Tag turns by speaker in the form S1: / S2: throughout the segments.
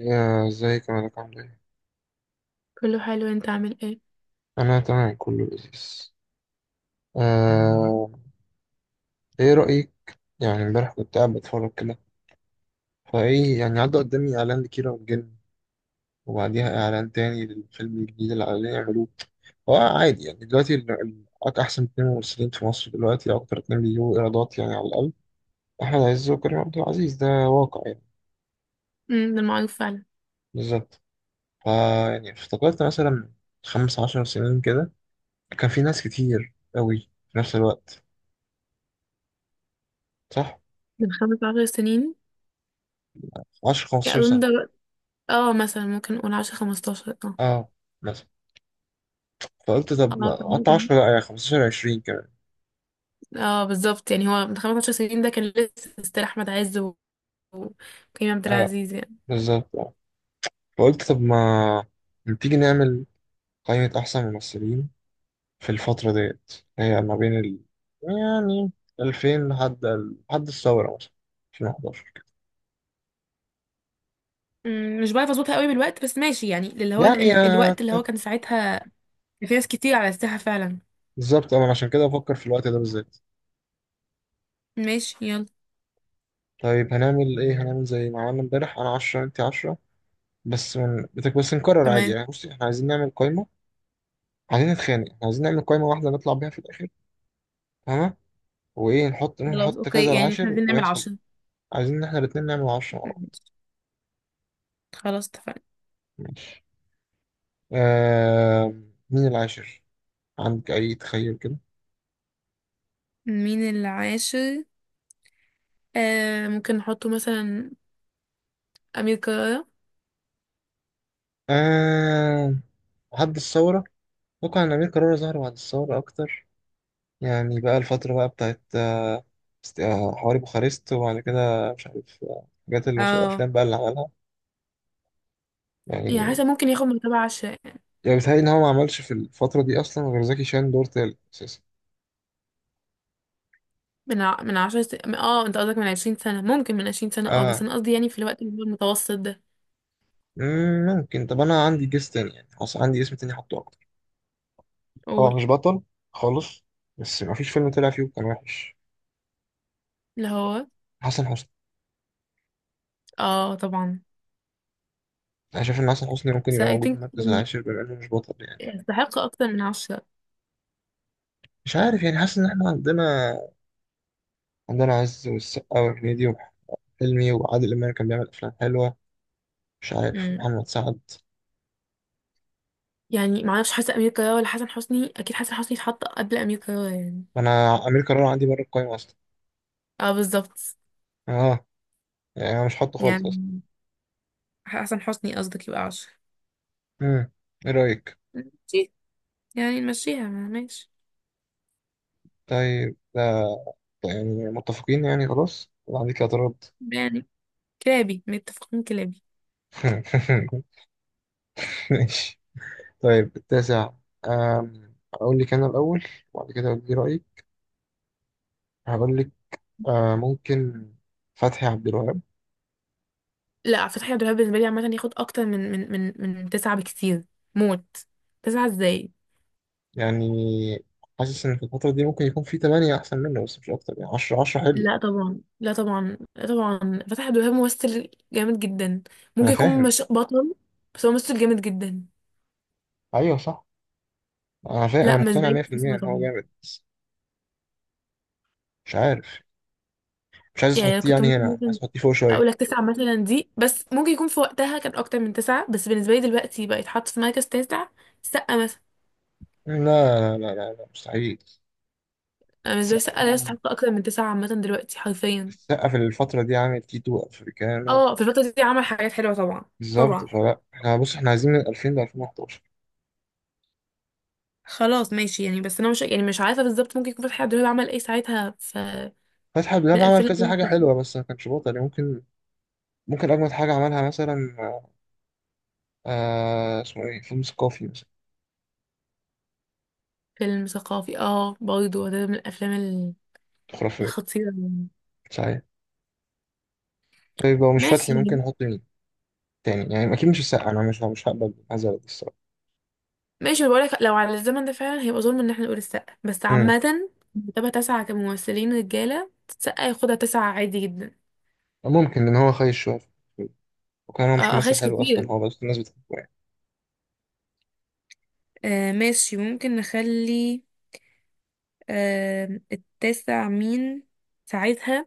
S1: يا ازيك يا مالك عامل ايه؟
S2: كله حلو. انت عامل ايه؟
S1: انا تمام كله لذيذ. آه... ايه رأيك؟ يعني امبارح كنت قاعد بتفرج كده. فايه يعني عدى قدامي اعلان لكيرة والجن، وبعديها اعلان تاني للفيلم الجديد اللي عايزين يعملوه. هو عادي يعني دلوقتي احسن اتنين ممثلين في مصر دلوقتي، اكتر اتنين بيجيبوا ايرادات يعني على الاقل؟ احمد عز وكريم عبد العزيز، ده واقع يعني.
S2: ده معروف فعلا.
S1: بالظبط. فا يعني افتكرت مثلا خمس عشر سنين كده كان في ناس كتير قوي في نفس الوقت، صح؟
S2: من 15 سنين؟
S1: 10
S2: يعني
S1: 15
S2: اظن
S1: سنة.
S2: اه، مثلا ممكن نقول 10 15. اه،
S1: اه مثلا فقلت طب
S2: اه
S1: ما
S2: كان
S1: قطع
S2: ممكن.
S1: 10، لا يعني 15 20 كمان.
S2: اه بالظبط، يعني هو من 15 سنين ده كان لسه ستيل احمد عز وكريم عبد
S1: اه
S2: العزيز يعني.
S1: بالظبط اه. فقلت طب ما تيجي نعمل قائمة أحسن ممثلين في الفترة ديت. هي ما بين يعني 2000 لحد الثورة مثلا 2011 كده.
S2: مش بعرف اظبطها قوي بالوقت، بس ماشي. يعني اللي هو ال
S1: يعني
S2: ال الوقت اللي هو كان ساعتها. كان في ناس كتير على الساحة فعلا.
S1: بالظبط أنا عشان كده بفكر في الوقت ده بالذات.
S2: ماشي يلا.
S1: طيب هنعمل إيه؟ هنعمل زي ما عملنا امبارح، أنا 10 أنت 10. بس بس نكرر عادي
S2: تمام.
S1: يعني، بصي إحنا عايزين نعمل قائمة. عايزين نتخانق، إحنا عايزين نعمل قائمة واحدة نطلع بيها في الآخر. تمام. وايه نحط
S2: خلاص
S1: نحط
S2: اوكي،
S1: كذا
S2: يعني احنا
S1: العاشر
S2: عايزين نعمل
S1: ويحصل.
S2: عشرة.
S1: عايزين ان احنا الاتنين نعمل عشرة مع بعض.
S2: ماشي. خلاص اتفقنا.
S1: ماشي. آه. مين العاشر؟ عندك اي تخيل كده؟
S2: مين العاشر؟ ممكن نحطه مثلا أمير كرارة.
S1: آه بعد الثورة ممكن أمير كرارة ظهر بعد الثورة أكتر. يعني بقى الفترة بقى بتاعت حواري بوخارست، وبعد كده مش عارف
S2: اه
S1: الأفلام بقى اللي عملها
S2: يعني
S1: يعني.
S2: حاسه ممكن ياخد من تبع عش...
S1: يعني بيتهيألي إن هو ما عملش في الفترة دي أصلا غير زكي شان دور تالت أساسا.
S2: من ع... من عشر س... من- اه انت قصدك من 20 سنه؟ ممكن، من 20 سنه اه. بس
S1: آه.
S2: انا قصدي يعني في الوقت اللي هو المتوسط ده.
S1: ممكن طب أنا عندي جيس تاني يعني حصل عندي اسم تاني أحطه. هو
S2: قول.
S1: مش بطل خالص، بس مفيش فيلم طلع فيه كان وحش.
S2: اللي هو
S1: حسن حسني.
S2: اه طبعا.
S1: انا شايف ان حسن حسني ممكن
S2: بس
S1: يبقى
S2: I
S1: موجود في
S2: think
S1: المركز
S2: يعني
S1: العاشر بما انه مش بطل يعني.
S2: يستحق اكتر من عشرة.
S1: مش عارف يعني حاسس ان احنا عندنا، عندنا عز والسقا وهنيدي وأحمد حلمي وعادل امام كان بيعمل افلام حلوه. مش عارف،
S2: امم
S1: محمد سعد.
S2: يعني معرفش، حاسه امير كرارة ولا حسن حسني؟ اكيد حسن حسني اتحط قبل امير كرارة يعني.
S1: انا امير كرارة عندي بره القايمه اصلا.
S2: اه بالظبط.
S1: اه، يعني انا مش حاطه خالص اصلا.
S2: يعني حسن حسني قصدك يبقى عشرة.
S1: امم. ايه رايك؟
S2: ماشي. يعني نمشيها ما- ماشي.
S1: طيب ده، ده يعني متفقين يعني خلاص ولا عندك اعتراض؟
S2: يعني كلابي متفقين كلابي.
S1: ماشي. طيب، التاسع. أقول لك أنا الأول، وبعد كده أقول لي رأيي. هقول لك. ممكن فتحي عبد الوهاب.
S2: لا، فتحي عبد الوهاب بالنسبه لي عامه ياخد اكتر من تسعة بكتير. موت. تسعة ازاي؟
S1: يعني حاسس إن في الفترة دي ممكن يكون في تمانية أحسن منه، بس مش أكتر يعني، عشرة عشرة حلو.
S2: لا طبعا، لا طبعا، لا طبعا، فتحي عبد الوهاب ممثل جامد جدا.
S1: أنا
S2: ممكن يكون
S1: فاهم.
S2: مش بطل، بس هو ممثل جامد جدا.
S1: أيوه صح. أنا فاهم، أنا
S2: لا مش
S1: مقتنع
S2: زي
S1: 100%
S2: تسعة
S1: إن هو
S2: طبعا.
S1: جامد بس. مش عارف. مش عايز
S2: يعني انا
S1: تحطيه
S2: كنت
S1: يعني
S2: ممكن
S1: هنا، عايز
S2: مثلا
S1: تحطيه فوق شوية.
S2: اقول لك تسعة مثلا دي، بس ممكن يكون في وقتها كان اكتر من تسعة. بس بالنسبه لي دلوقتي بقى يتحط في مركز تاسع. سقا مثلا.
S1: لا لا لا لا، لا مستحيل.
S2: أنا بالنسبه لي سقا لا
S1: السقا،
S2: يستحق اكتر من تسعة عامه دلوقتي حرفيا.
S1: السقا في الفترة دي عامل تيتو أفريكانو.
S2: اه في الفتره دي عمل حاجات حلوه طبعا.
S1: بالظبط،
S2: طبعا.
S1: فلا احنا بص احنا عايزين من 2000 ل 2011.
S2: خلاص ماشي يعني. بس انا مش يعني مش عارفه بالظبط ممكن يكون فتحي عبد الوهاب عمل ايه ساعتها. ف
S1: فتحي عبد
S2: من
S1: الوهاب عمل
S2: 2000 لألفين
S1: كذا حاجة
S2: واتنين.
S1: حلوة بس ما كانش بطل يعني، ممكن. ممكن أجمد حاجة عملها مثلا، آه اسمه إيه، فيلم ثقافي مثلا.
S2: فيلم ثقافي، اه برضه ده من الافلام
S1: خرافي.
S2: الخطيره يعني.
S1: صحيح. طيب لو مش فتحي
S2: ماشي
S1: ممكن
S2: يعني.
S1: نحط مين تاني يعني؟ أكيد مش السقا، أنا مش هقبل هذا الصراحة.
S2: ماشي، بقول لك لو على الزمن ده فعلا هيبقى ظلم ان احنا نقول السقا. بس
S1: أمم.
S2: عامه مرتبه تسعه كممثلين رجاله السقا ياخدها تسعه عادي جدا.
S1: ممكن، لأن هو خايش شوية في الفيلم. وكان هو مش
S2: اه
S1: ممثل
S2: اخش
S1: حلو أصلا
S2: كتير.
S1: هو، بس الناس بتحبه يعني.
S2: آه ماشي، ممكن نخلي. آه، التاسع مين ساعتها؟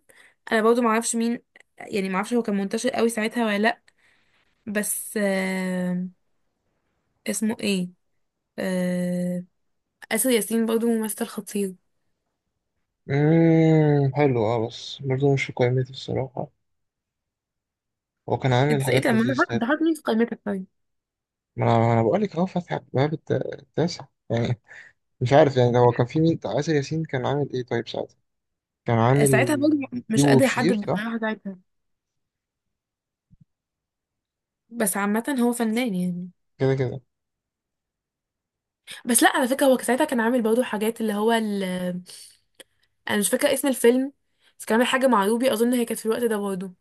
S2: انا برضه معرفش مين، يعني معرفش هو كان منتشر قوي ساعتها ولا لأ. بس اسمه ايه؟ آه، آسر ياسين برضو ممثل خطير.
S1: حلو أه، بس برضه مش في قائمتي الصراحة. هو كان عامل
S2: انت ايه
S1: حاجات
S2: ده، ما انا حاط-
S1: لذيذة.
S2: ده حاطط مين في قائمتك طيب؟
S1: ما أنا بقول لك أهو فتحي عبد الوهاب التاسع يعني. مش عارف يعني هو كان في مين، آسر ياسين كان عامل إيه طيب ساعتها؟ كان عامل
S2: ساعتها برضو مش
S1: ديبو
S2: قادرة
S1: وبشير
S2: احدد
S1: صح.
S2: بصراحة ساعتها. بس عامة هو فنان يعني.
S1: كده كده.
S2: بس لا على فكرة هو ساعتها كان عامل برضو حاجات اللي هو انا مش فاكرة اسم الفيلم. بس كان عامل حاجة مع روبي، اظن هي كانت في الوقت ده برضو.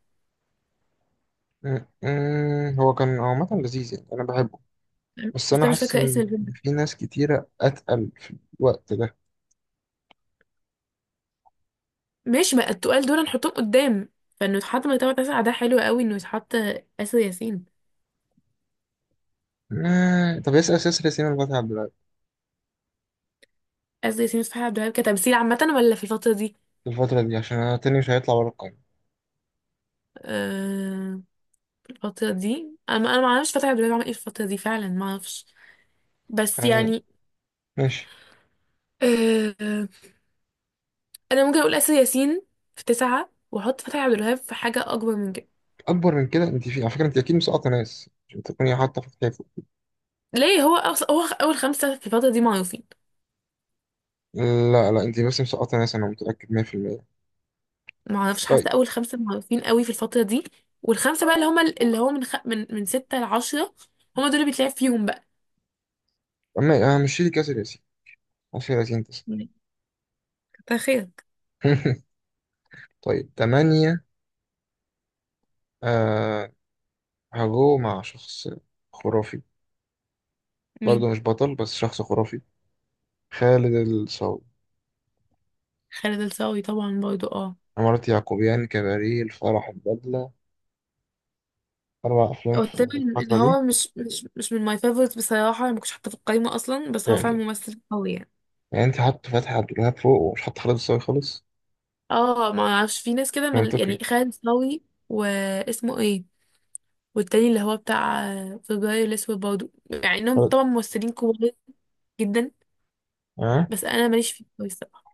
S1: هو كان عامة لذيذ يعني أنا بحبه، بس
S2: بس
S1: أنا
S2: انا مش
S1: حاسس
S2: فاكرة اسم
S1: إن
S2: الفيلم.
S1: في ناس كتيرة أتقل في الوقت ده.
S2: ماشي، ما التقال دول نحطهم قدام. فانه يتحط مرتبة تسعة ده حلو قوي، انه يتحط آسر ياسين.
S1: طب اسأل سلسلة سيما الفتحي عبد الوهاب
S2: آسر ياسين وفتحي عبد الوهاب كتمثيل عامة ولا في الفترة دي؟
S1: في الفترة دي، عشان أنا تاني مش هيطلع بره القايمة
S2: آه، الفترة دي انا، ما اعرفش فترة دلوقتي بعمل ايه في الفترة دي فعلا، ما اعرفش. بس
S1: يعني.
S2: يعني
S1: ماشي.
S2: آه، انا ممكن اقول اسر ياسين في تسعة واحط فتحي عبد الوهاب في حاجة اكبر من كده.
S1: أكبر من كده؟ أنت في على فكرة، أنت أكيد مسقطة ناس عشان تكوني حاطة في الحيفو.
S2: ليه هو هو اول خمسة في الفترة دي معروفين.
S1: لا لا، أنت بس مسقطة ناس، أنا متأكد 100%.
S2: ما اعرفش، حاسة
S1: طيب،
S2: اول خمسة معروفين قوي في الفترة دي. والخمسة بقى اللي هما اللي هو من خ... من من ستة لعشرة، هما دول اللي بيتلعب فيهم بقى.
S1: أما أنا مش شيلي كاسر ياسين، كاسر ياسين تسعة.
S2: تخيل.
S1: طيب، تمانية. آه، هجو مع شخص خرافي.
S2: مين؟
S1: برضه مش بطل بس شخص خرافي. خالد الصاوي.
S2: خالد الصاوي طبعا برضو اه.
S1: عمارة يعقوبيان، كباريه، الفرح، البدلة، أربع أفلام
S2: هو
S1: في
S2: تقريبا ان
S1: الفترة دي.
S2: هو مش من ماي فيفورت بصراحه، ما كنتش حاطه في القايمه اصلا، بس
S1: يا
S2: هو فعلا
S1: إلهي.
S2: ممثل قوي يعني.
S1: يعني أنت حاطط فتحي عبد الوهاب فوق ومش حاطط خالد الصاوي خالص؟
S2: اه ما اعرفش، في ناس كده
S1: منطقي.
S2: يعني خالد صاوي واسمه ايه، والتاني اللي هو بتاع فبراير الاسود برضه، يعني انهم
S1: خالد،
S2: طبعا ممثلين كبار جدا.
S1: أه.
S2: بس انا ماليش فيه قوي الصراحه.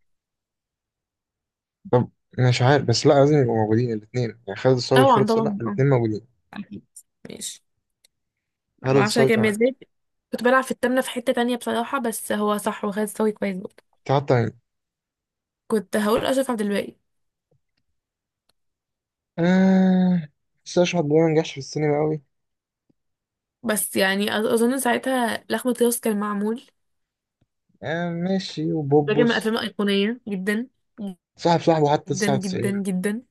S1: طب أنا مش عارف، بس لأ لازم يبقوا موجودين الاتنين يعني خالد الصاوي
S2: طبعا
S1: وخالد صالح
S2: طبعا اه،
S1: الاتنين موجودين.
S2: اكيد. ماشي.
S1: خالد
S2: ما اعرفش انا
S1: الصاوي
S2: كان
S1: تمانية.
S2: ازاي، كنت بلعب في التامنة في حتة تانية بصراحة. بس هو صح، وخالد صاوي كويس برضه.
S1: كنت حاطة مين؟
S2: كنت هقول أشرف عبد الباقي.
S1: آه، بس أشرف عبد الوهاب ما نجحش في السينما أوي.
S2: بس يعني أظن ساعتها لخمة راس كان معمول،
S1: آه ماشي، وبوبوس،
S2: بجمع افلام ايقونيه جدا
S1: صاحب صاحبه حتى
S2: جدا جدا
S1: 99.
S2: جدا.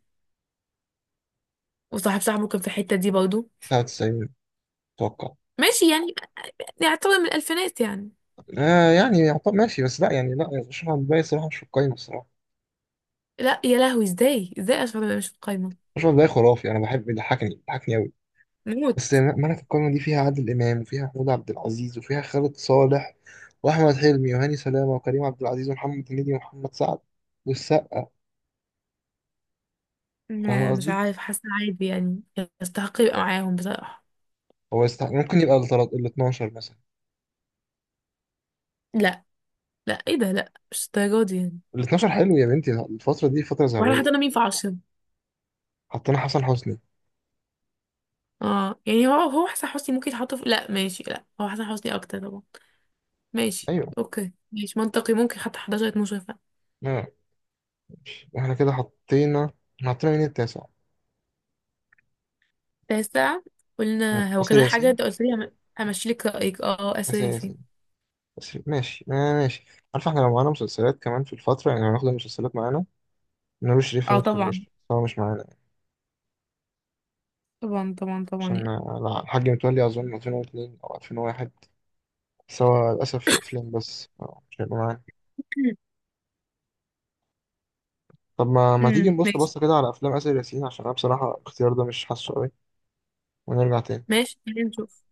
S2: وصاحب صاحبه كان في الحته دي برضه.
S1: 99 أتوقع.
S2: ماشي يعني، يعتبر من الالفينات يعني.
S1: آه يعني ماشي، بس لا يعني لا، اشرح الباقي الصراحه مش في القايمه الصراحه.
S2: لا يا لهوي، ازاي ازاي اشرف ده مش في القايمه؟
S1: اشرح الباقي خرافي، انا بحب، بيضحكني بيضحكني قوي.
S2: موت.
S1: بس ما انا في القايمه دي فيها عادل امام وفيها محمود عبد العزيز وفيها خالد صالح واحمد حلمي وهاني سلامه وكريم عبد العزيز ومحمد هنيدي ومحمد سعد والسقا. فاهم
S2: مش
S1: قصدي؟
S2: عارف، حاسه عادي يعني، يستحق يبقى معاهم بصراحه.
S1: هو يستحق ممكن يبقى ال 12 مثلا.
S2: لا لا، ايه ده، لا مش الدرجه دي يعني.
S1: ال 12 حلو يا بنتي، الفتره دي فتره
S2: واحنا
S1: ذهبيه.
S2: حطينا مين في عشرة؟
S1: حطينا حسن حسني.
S2: اه يعني هو، حسن حسني ممكن يتحط في، لا ماشي، لا هو حسن حسني اكتر طبعا. ماشي
S1: ايوه.
S2: اوكي، ماشي منطقي، ممكن حتى 11 12.
S1: آه، ماشي. احنا كده حطينا. إحنا حطينا مين التاسع؟
S2: تاسع قلنا هو
S1: آسر
S2: كان حاجة،
S1: ياسين.
S2: انت قلت لي همشي لك رأيك اه
S1: آسر
S2: اساسي.
S1: ياسين، بس ماشي آه ماشي. عارف احنا لو معانا مسلسلات كمان في الفترة، يعني هناخد المسلسلات معانا، نور الشريف
S2: اه
S1: هيدخل
S2: طبعا
S1: قشطة، بس هو مش معانا يعني.
S2: طبعا طبعا طبعا
S1: عشان
S2: يعني.
S1: الحاج متولي أظن 2002 أو 2001. بس هو للأسف أفلام بس، مش هيبقى معانا. طب ما تيجي
S2: أمم،
S1: نبص
S2: ماشي.
S1: بصة كده على أفلام آسر ياسين، عشان أنا بصراحة الاختيار ده مش حاسه قوي. ونرجع تاني.
S2: ماشي خلينا نشوف.